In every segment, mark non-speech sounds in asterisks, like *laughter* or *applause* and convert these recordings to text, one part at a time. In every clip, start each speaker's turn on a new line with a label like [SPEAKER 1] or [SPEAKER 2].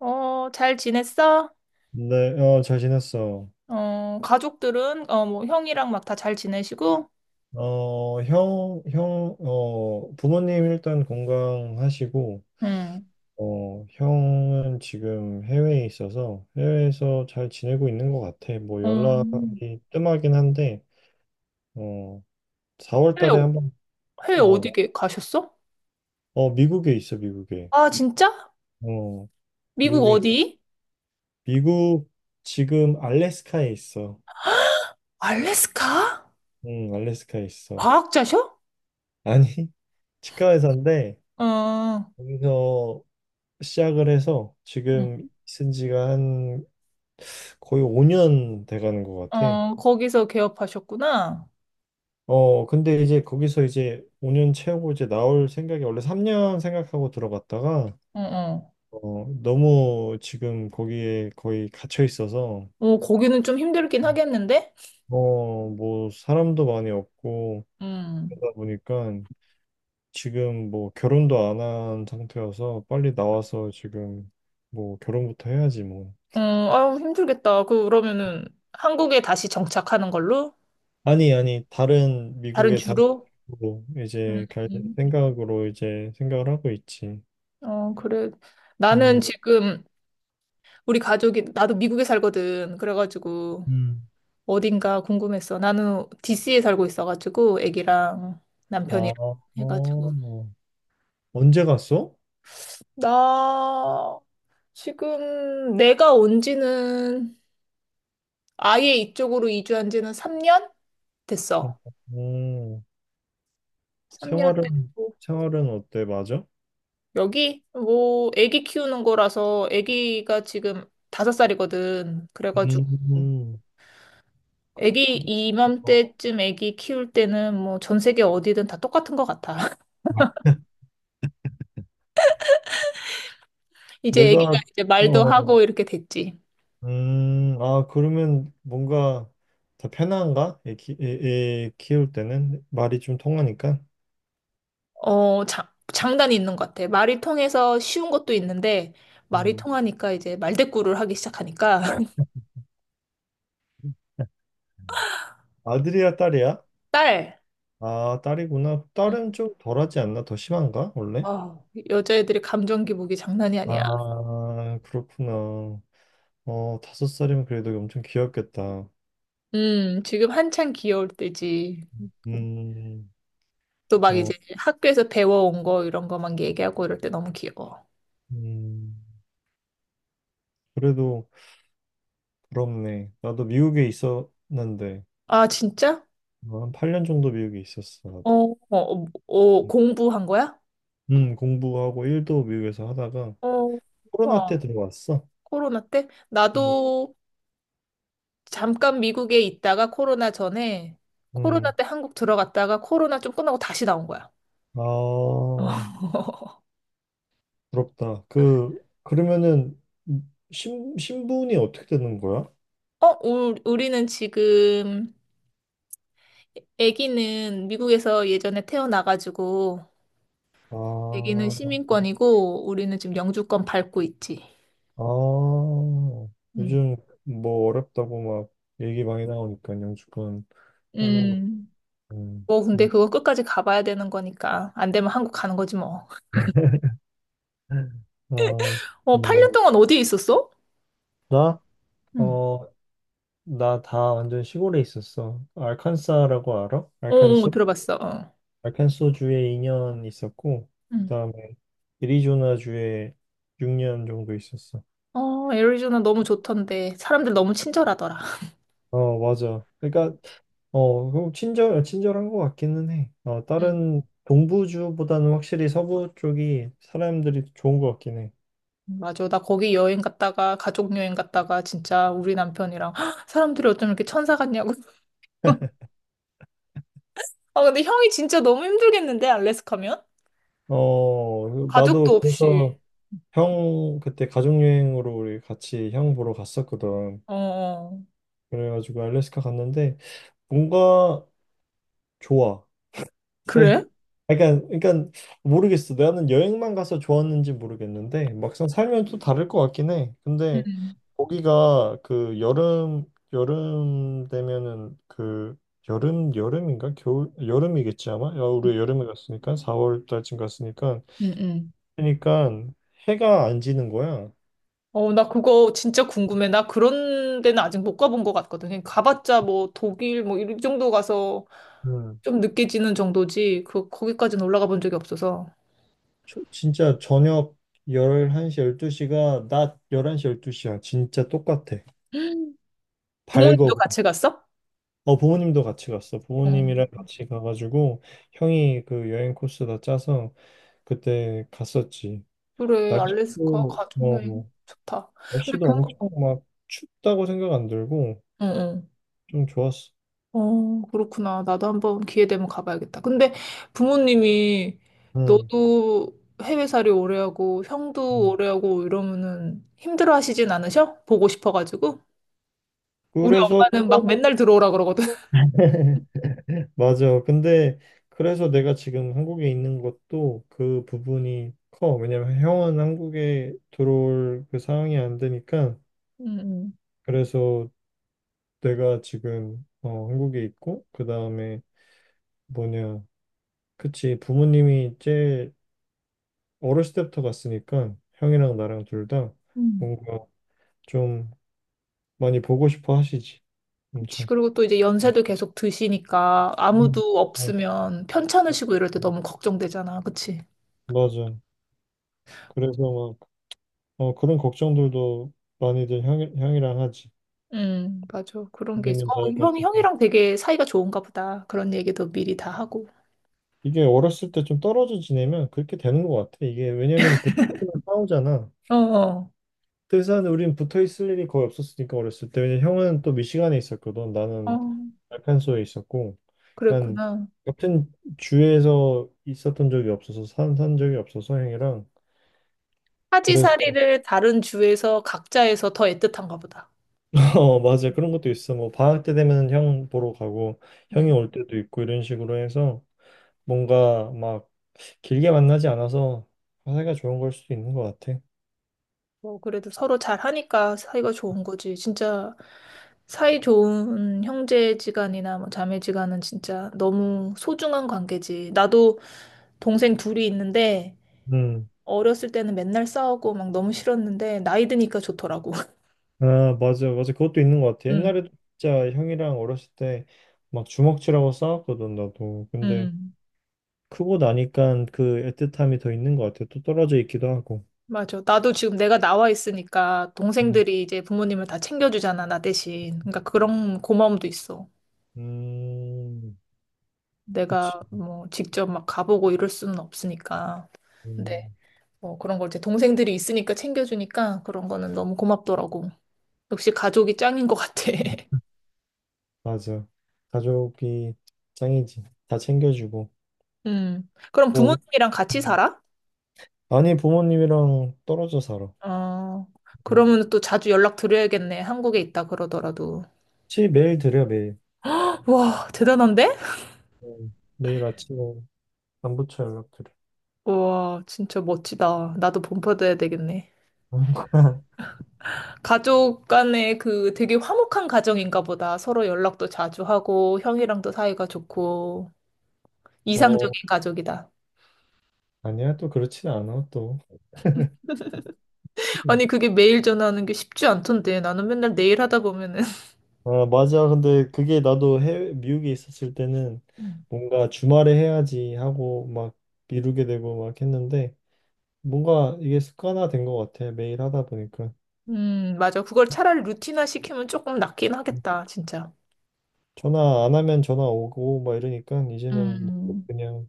[SPEAKER 1] 어, 잘 지냈어?
[SPEAKER 2] 네, 잘 지냈어.
[SPEAKER 1] 어, 가족들은, 어, 뭐, 형이랑 막 다 잘 지내시고,
[SPEAKER 2] 형, 부모님 일단 건강하시고,
[SPEAKER 1] 응.
[SPEAKER 2] 형은 지금 해외에 있어서 해외에서 잘 지내고 있는 것 같아. 뭐
[SPEAKER 1] 음,
[SPEAKER 2] 연락이 뜸하긴 한데, 어, 4월
[SPEAKER 1] 해외,
[SPEAKER 2] 달에 한번,
[SPEAKER 1] 해외
[SPEAKER 2] 어,
[SPEAKER 1] 어디
[SPEAKER 2] 나-
[SPEAKER 1] 가셨어?
[SPEAKER 2] 미국에 있어, 미국에.
[SPEAKER 1] 아, 진짜?
[SPEAKER 2] 어,
[SPEAKER 1] 미국
[SPEAKER 2] 미국에,
[SPEAKER 1] 어디?
[SPEAKER 2] 미국 지금 알래스카에 있어.
[SPEAKER 1] 알래스카?
[SPEAKER 2] 응, 알래스카에 있어.
[SPEAKER 1] 과학자셔?
[SPEAKER 2] 아니, *laughs* 치과사인데
[SPEAKER 1] 어,
[SPEAKER 2] 거기서 시작을 해서
[SPEAKER 1] 응.
[SPEAKER 2] 지금 쓴 지가 한 거의 5년 돼가는 것 같아.
[SPEAKER 1] 어, 거기서 개업하셨구나.
[SPEAKER 2] 근데 이제 거기서 이제 5년 채우고 이제 나올 생각이 원래 3년 생각하고 들어갔다가
[SPEAKER 1] 어, 어.
[SPEAKER 2] 너무 지금 거기에 거의 갇혀 있어서
[SPEAKER 1] 어, 거기는 좀 힘들긴 하겠는데?
[SPEAKER 2] 뭐 사람도 많이 없고
[SPEAKER 1] 음,
[SPEAKER 2] 그러다 보니까 지금 뭐 결혼도 안 한 상태여서 빨리 나와서 지금 뭐 결혼부터 해야지 뭐.
[SPEAKER 1] 어, 아유, 힘들겠다. 그, 그러면은, 한국에 다시 정착하는 걸로?
[SPEAKER 2] 아니, 아니, 다른
[SPEAKER 1] 다른
[SPEAKER 2] 미국의 다른
[SPEAKER 1] 주로?
[SPEAKER 2] 쪽으로
[SPEAKER 1] 음.
[SPEAKER 2] 이제 갈 생각으로 이제 생각을 하고 있지.
[SPEAKER 1] 어, 그래. 나는
[SPEAKER 2] 음,
[SPEAKER 1] 지금 우리 가족이, 나도 미국에 살거든. 그래가지고
[SPEAKER 2] 음.
[SPEAKER 1] 어딘가 궁금했어. 나는 DC에 살고 있어가지고 애기랑
[SPEAKER 2] 아,
[SPEAKER 1] 남편이랑 해가지고.
[SPEAKER 2] 언제 갔어?
[SPEAKER 1] 나 지금 내가 온 지는 아예 이쪽으로 이주한 지는 3년
[SPEAKER 2] 음,
[SPEAKER 1] 됐어.
[SPEAKER 2] 음.
[SPEAKER 1] 3년
[SPEAKER 2] 생활은,
[SPEAKER 1] 됐고.
[SPEAKER 2] 생활은 어때? 맞아?
[SPEAKER 1] 여기 뭐 애기 키우는 거라서 애기가 지금 5살이거든. 그래가지고.
[SPEAKER 2] 음, 그-
[SPEAKER 1] 애기
[SPEAKER 2] 그렇구나.
[SPEAKER 1] 이맘때쯤 애기 키울 때는 뭐 전 세계 어디든 다 똑같은 것 같아. *laughs* 이제 애기가
[SPEAKER 2] 내가,
[SPEAKER 1] 이제 말도
[SPEAKER 2] 어,
[SPEAKER 1] 하고 이렇게 됐지.
[SPEAKER 2] 아, 그러면 뭔가 더 편한가? 애 키울 때는 말이 좀 통하니까.
[SPEAKER 1] 어, 자, 장단이 있는 것 같아. 말이 통해서 쉬운 것도 있는데 말이
[SPEAKER 2] 음.
[SPEAKER 1] 통하니까 이제 말대꾸를 하기 시작하니까 *laughs*
[SPEAKER 2] 아들이야, 딸이야?
[SPEAKER 1] 딸.
[SPEAKER 2] 아, 딸이구나.
[SPEAKER 1] 응.
[SPEAKER 2] 딸은 좀 덜하지 않나? 더 심한가? 원래?
[SPEAKER 1] 어, 여자애들의 감정 기복이 장난이 아니야.
[SPEAKER 2] 아, 그렇구나. 5살이면 그래도 엄청 귀엽겠다.
[SPEAKER 1] 지금 한창 귀여울 때지.
[SPEAKER 2] 음,
[SPEAKER 1] 또 막 이제
[SPEAKER 2] 어,
[SPEAKER 1] 학교에서 배워온 거 이런 거만 얘기하고 이럴 때 너무 귀여워.
[SPEAKER 2] 음, 그래도 부럽네. 나도 미국에 있었는데,
[SPEAKER 1] 아, 진짜?
[SPEAKER 2] 한 8년 정도 미국에 있었어,
[SPEAKER 1] 어,
[SPEAKER 2] 나도.
[SPEAKER 1] 어, 어, 어, 공부한 거야?
[SPEAKER 2] 공부하고 일도 미국에서 하다가
[SPEAKER 1] 어,
[SPEAKER 2] 코로나 때
[SPEAKER 1] 와,
[SPEAKER 2] 들어왔어.
[SPEAKER 1] 코로나 때?
[SPEAKER 2] 음,
[SPEAKER 1] 나도 잠깐 미국에 있다가 코로나 전에 코로나
[SPEAKER 2] 음.
[SPEAKER 1] 때 한국 들어갔다가 코로나 좀 끝나고 다시 나온 거야.
[SPEAKER 2] 아,
[SPEAKER 1] *laughs*
[SPEAKER 2] 부럽다. 그러면은 신분이 어떻게 되는 거야?
[SPEAKER 1] 어, 우리는 지금 아기는 미국에서 예전에 태어나가지고 아기는
[SPEAKER 2] 아,
[SPEAKER 1] 시민권이고 우리는 지금 영주권 밟고 있지.
[SPEAKER 2] 아,
[SPEAKER 1] 음.
[SPEAKER 2] 요즘 뭐 어렵다고 막 얘기 많이 나오니까 영주권 따는 거.
[SPEAKER 1] 음.
[SPEAKER 2] 음,
[SPEAKER 1] 뭐 근데
[SPEAKER 2] 음.
[SPEAKER 1] 그거 끝까지 가봐야 되는 거니까 안 되면 한국 가는 거지 뭐.
[SPEAKER 2] 어,
[SPEAKER 1] 어,
[SPEAKER 2] 뭐,
[SPEAKER 1] 8년 동안 어디에 있었어?
[SPEAKER 2] 나?
[SPEAKER 1] 응.
[SPEAKER 2] 어, 나 다 완전 시골에 있었어. 알칸사라고 알아?
[SPEAKER 1] 어, 어,
[SPEAKER 2] 알칸소?
[SPEAKER 1] 들어봤어.
[SPEAKER 2] 알칸소 주에 2년 있었고,
[SPEAKER 1] 어.
[SPEAKER 2] 그 다음에 애리조나 주에 6년 정도 있었어.
[SPEAKER 1] 어, 애리조나 너무 좋던데. 사람들 너무 친절하더라.
[SPEAKER 2] 맞아. 그러니까 그럼 친절한 것 같기는 해.
[SPEAKER 1] 음.
[SPEAKER 2] 다른 동부주보다는 확실히 서부 쪽이 사람들이 좋은 것 같긴 해.
[SPEAKER 1] 맞아. 나 거기 여행 갔다가, 가족 여행 갔다가, 진짜 우리 남편이랑, "헉, 사람들이 어쩜 이렇게 천사 같냐고. *laughs* 아, 근데 형이 진짜 너무 힘들겠는데, 알래스카면?
[SPEAKER 2] 그 나도
[SPEAKER 1] 가족도 없이.
[SPEAKER 2] 그래서 형 그때 가족 여행으로 우리 같이 형 보러 갔었거든.
[SPEAKER 1] 어, 어.
[SPEAKER 2] 그래가지고 알래스카 갔는데 뭔가 좋아. 살
[SPEAKER 1] 그래?
[SPEAKER 2] 그러니까 그러니까 모르겠어. 나는 여행만 가서 좋았는지 모르겠는데 막상 살면 또 다를 것 같긴 해.
[SPEAKER 1] 응
[SPEAKER 2] 근데 거기가 그 여름 되면은 그 여름인가 겨울 여름이겠지 아마. 야, 우리 여름에 갔으니까 4월 달쯤 갔으니까
[SPEAKER 1] 응, 응.
[SPEAKER 2] 그러니까 해가 안 지는 거야.
[SPEAKER 1] 어, 나 그거 진짜 궁금해. 나 그런 데는 아직 못 가본 것 같거든. 그냥 가봤자 뭐 독일 뭐 이 정도 가서
[SPEAKER 2] 음.
[SPEAKER 1] 좀 늦게 지는 정도지. 그, 거기까지는 올라가 본 적이 없어서.
[SPEAKER 2] 진짜 저녁 11시 12시가 낮 11시 12시야. 진짜 똑같아.
[SPEAKER 1] 음. 부모님도
[SPEAKER 2] 밝어.
[SPEAKER 1] 같이 갔어?
[SPEAKER 2] 부모님도 같이 갔어.
[SPEAKER 1] 어.
[SPEAKER 2] 부모님이랑 같이 가가지고 형이 그 여행 코스 다 짜서 그때 갔었지.
[SPEAKER 1] 그래, 알래스카
[SPEAKER 2] 날씨도
[SPEAKER 1] 가족여행
[SPEAKER 2] 어,
[SPEAKER 1] 좋다. 근데
[SPEAKER 2] 날씨도
[SPEAKER 1] 부모,
[SPEAKER 2] 엄청 막 춥다고 생각 안 들고
[SPEAKER 1] 어, 어.
[SPEAKER 2] 좀 좋았어.
[SPEAKER 1] 어, 그렇구나. 나도 한번 기회 되면 가봐야겠다. 근데 부모님이
[SPEAKER 2] 응.
[SPEAKER 1] 너도 해외살이 오래 하고, 형도
[SPEAKER 2] 음.
[SPEAKER 1] 오래 하고 이러면은 힘들어 하시진 않으셔? 보고 싶어가지고. 우리
[SPEAKER 2] 그래서
[SPEAKER 1] 엄마는 막 맨날
[SPEAKER 2] *laughs*
[SPEAKER 1] 들어오라 그러거든. *laughs*
[SPEAKER 2] 맞아. 근데 그래서 내가 지금 한국에 있는 것도 그 부분이 커. 왜냐면 형은 한국에 들어올 그 상황이 안 되니까
[SPEAKER 1] 응, 응,
[SPEAKER 2] 그래서 내가 지금 한국에 있고 그 다음에 뭐냐. 그치. 부모님이 제일 어렸을 때부터 갔으니까 형이랑 나랑 둘다
[SPEAKER 1] 음,
[SPEAKER 2] 뭔가 좀 많이 보고 싶어 하시지.
[SPEAKER 1] 그치.
[SPEAKER 2] 엄청.
[SPEAKER 1] 그리고 또 이제 연세도 계속 드시니까
[SPEAKER 2] 음.
[SPEAKER 1] 아무도
[SPEAKER 2] 어,
[SPEAKER 1] 없으면 편찮으시고 이럴 때 너무 걱정되잖아. 그치?
[SPEAKER 2] 맞아. 그래서 막 그런 걱정들도 많이들 형이랑 하지.
[SPEAKER 1] 맞아. 그런 게 있어.
[SPEAKER 2] 님은
[SPEAKER 1] 어,
[SPEAKER 2] 나이가
[SPEAKER 1] 형,
[SPEAKER 2] 드셔.
[SPEAKER 1] 형이랑 되게 사이가 좋은가 보다. 그런 얘기도 미리 다 하고.
[SPEAKER 2] 이게 어렸을 때 좀 떨어져 지내면 그렇게 되는 것 같아. 이게 왜냐면 붙으면 싸우잖아.
[SPEAKER 1] 어, 어,
[SPEAKER 2] 등산은 우린 붙어 있을 일이 거의 없었으니까 어렸을 때 왜냐면 형은 또 미시간에 있었거든
[SPEAKER 1] 어,
[SPEAKER 2] 나는 알칸소에 있었고 난
[SPEAKER 1] 그랬구나.
[SPEAKER 2] 같은 주에서 있었던 적이 없어서 산, 산 적이 없어서 형이랑 그래서
[SPEAKER 1] 사지사리를 다른 주에서 각자에서 더 애틋한가 보다.
[SPEAKER 2] *laughs* 맞아 그런 것도 있어 뭐 방학 때 되면 형 보러 가고 형이
[SPEAKER 1] 음.
[SPEAKER 2] 올 때도 있고 이런 식으로 해서 뭔가 막 길게 만나지 않아서 사이가 좋은 걸 수도 있는 것 같아.
[SPEAKER 1] 뭐, 그래도 서로 잘 하니까 사이가 좋은 거지. 진짜 사이 좋은 형제지간이나 뭐 자매지간은 진짜 너무 소중한 관계지. 나도 동생 둘이 있는데
[SPEAKER 2] 음.
[SPEAKER 1] 어렸을 때는 맨날 싸우고 막 너무 싫었는데 나이 드니까 좋더라고. *laughs*
[SPEAKER 2] 아, 맞아, 맞아. 그것도 있는 것 같아.
[SPEAKER 1] 음,
[SPEAKER 2] 옛날에도 진짜 형이랑 어렸을 때 막 주먹질하고 싸웠거든, 나도. 근데
[SPEAKER 1] 음.
[SPEAKER 2] 크고 나니까 그 애틋함이 더 있는 것 같아. 또 떨어져 있기도 하고.
[SPEAKER 1] 맞아. 나도 지금 내가 나와 있으니까
[SPEAKER 2] 음,
[SPEAKER 1] 동생들이 이제 부모님을 다 챙겨주잖아, 나 대신. 그러니까 그런 고마움도 있어.
[SPEAKER 2] 음, 그치.
[SPEAKER 1] 내가 뭐 직접 막 가보고 이럴 수는 없으니까. 근데
[SPEAKER 2] 음,
[SPEAKER 1] 뭐 그런 걸 이제 동생들이 있으니까 챙겨주니까 그런 거는 너무 고맙더라고. 역시 가족이 짱인 것 같아. *laughs*
[SPEAKER 2] 맞아. 가족이 짱이지. 다 챙겨주고.
[SPEAKER 1] 그럼
[SPEAKER 2] 뭐,
[SPEAKER 1] 부모님이랑 같이 살아?
[SPEAKER 2] 아니, 부모님이랑 떨어져 살아.
[SPEAKER 1] 어.
[SPEAKER 2] 음.
[SPEAKER 1] 그러면 또 자주 연락 드려야겠네. 한국에 있다 그러더라도.
[SPEAKER 2] 치, 매일 드려, 매일.
[SPEAKER 1] 와, 대단한데?
[SPEAKER 2] 매일 아침에 안부처 연락드려.
[SPEAKER 1] 와, 진짜 멋지다. 나도 본받아야 되겠네.
[SPEAKER 2] *laughs*
[SPEAKER 1] 가족 간에 그 되게 화목한 가정인가 보다. 서로 연락도 자주 하고, 형이랑도 사이가 좋고,
[SPEAKER 2] 어,
[SPEAKER 1] 이상적인 가족이다.
[SPEAKER 2] 아니야, 또 그렇진 않아, 또.
[SPEAKER 1] 아니, 그게 매일 전화하는 게 쉽지 않던데. 나는 맨날 내일 하다 보면은.
[SPEAKER 2] 아, 맞아. 근데 그게 나도 해외, 미국에 있었을 때는
[SPEAKER 1] 음,
[SPEAKER 2] 뭔가 주말에 해야지 하고 막 미루게 되고 막 했는데 뭔가 이게 습관화된 것 같아. 매일 하다 보니까.
[SPEAKER 1] 맞아. 그걸 차라리 루틴화 시키면 조금 낫긴 하겠다, 진짜.
[SPEAKER 2] 전화 안 하면 전화 오고 막 이러니까 이제는 뭐
[SPEAKER 1] 음.
[SPEAKER 2] 그냥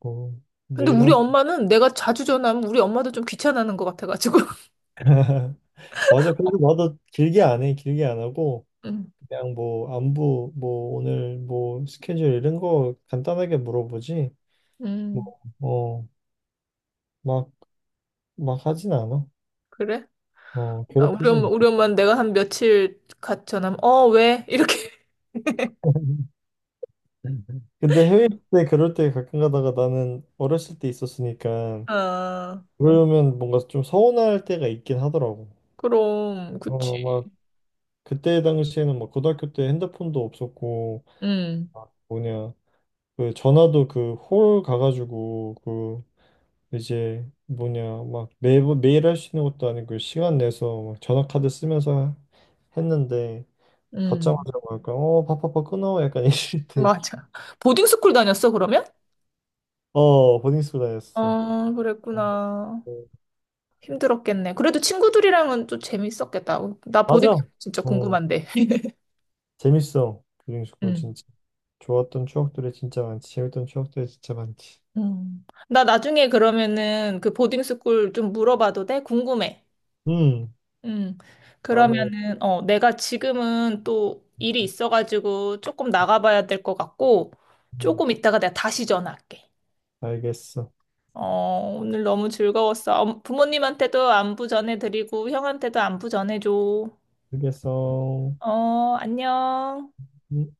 [SPEAKER 2] 뭐
[SPEAKER 1] 근데
[SPEAKER 2] 매일
[SPEAKER 1] 우리
[SPEAKER 2] 하자.
[SPEAKER 1] 엄마는 내가 자주 전화하면 우리 엄마도 좀 귀찮아하는 것 같아가지고. *laughs*
[SPEAKER 2] *laughs* 맞아. 그래서
[SPEAKER 1] 어,
[SPEAKER 2] 나도 길게 안 해. 길게 안 하고
[SPEAKER 1] 음,
[SPEAKER 2] 그냥 뭐 안부 뭐 오늘 뭐 스케줄 이런 거 간단하게 물어보지. 뭐
[SPEAKER 1] 음,
[SPEAKER 2] 어 막 막 하진 않아.
[SPEAKER 1] 그래? 아, 우리
[SPEAKER 2] 괴롭히진
[SPEAKER 1] 엄마, 우리
[SPEAKER 2] 않고.
[SPEAKER 1] 엄마는 내가 한 며칠 같이 전화하면, 어, 왜? 이렇게. *laughs*
[SPEAKER 2] *laughs* 근데 해외 때 그럴 때 가끔 가다가 나는 어렸을 때 있었으니까,
[SPEAKER 1] 어.
[SPEAKER 2] 그러면 뭔가 좀 서운할 때가 있긴 하더라고.
[SPEAKER 1] 그럼, 그치.
[SPEAKER 2] 막 그때 당시에는 막 고등학교 때 핸드폰도 없었고
[SPEAKER 1] 응,
[SPEAKER 2] 막 뭐냐 그 전화도 그 홀 가가지고 그 이제 뭐냐 막 매번 매일 할 수 있는 것도 아니고 시간 내서 막 전화 카드 쓰면서 했는데
[SPEAKER 1] 응,
[SPEAKER 2] 받자마자 뭐랄까 바빠빠 끊어 약간 *laughs* 이럴 때
[SPEAKER 1] 맞아. 보딩스쿨 다녔어, 그러면?
[SPEAKER 2] 보딩 스쿨 다녔어.
[SPEAKER 1] 아,
[SPEAKER 2] 아,
[SPEAKER 1] 그랬구나.
[SPEAKER 2] 네.
[SPEAKER 1] 힘들었겠네. 그래도 친구들이랑은 또 재밌었겠다. 나
[SPEAKER 2] 맞아.
[SPEAKER 1] 보딩스쿨 진짜
[SPEAKER 2] 응.
[SPEAKER 1] 궁금한데. *laughs*
[SPEAKER 2] 재밌어. 보딩스쿨
[SPEAKER 1] 응,
[SPEAKER 2] 진짜. 좋았던 추억들이 진짜 많지. 재밌던 추억들이 진짜 많지.
[SPEAKER 1] 응. 나 나중에 그러면은 그 보딩스쿨 좀 물어봐도 돼? 궁금해.
[SPEAKER 2] 음.
[SPEAKER 1] 응.
[SPEAKER 2] 다음에
[SPEAKER 1] 그러면은, 어, 내가 지금은 또 일이 있어가지고 조금 나가봐야 될 것 같고,
[SPEAKER 2] 음,
[SPEAKER 1] 조금 이따가 내가 다시 전화할게.
[SPEAKER 2] 알겠어.
[SPEAKER 1] 어, 오늘 너무 즐거웠어. 부모님한테도 안부 전해드리고, 형한테도 안부 전해줘.
[SPEAKER 2] 알겠어.
[SPEAKER 1] 어, 안녕.
[SPEAKER 2] 음.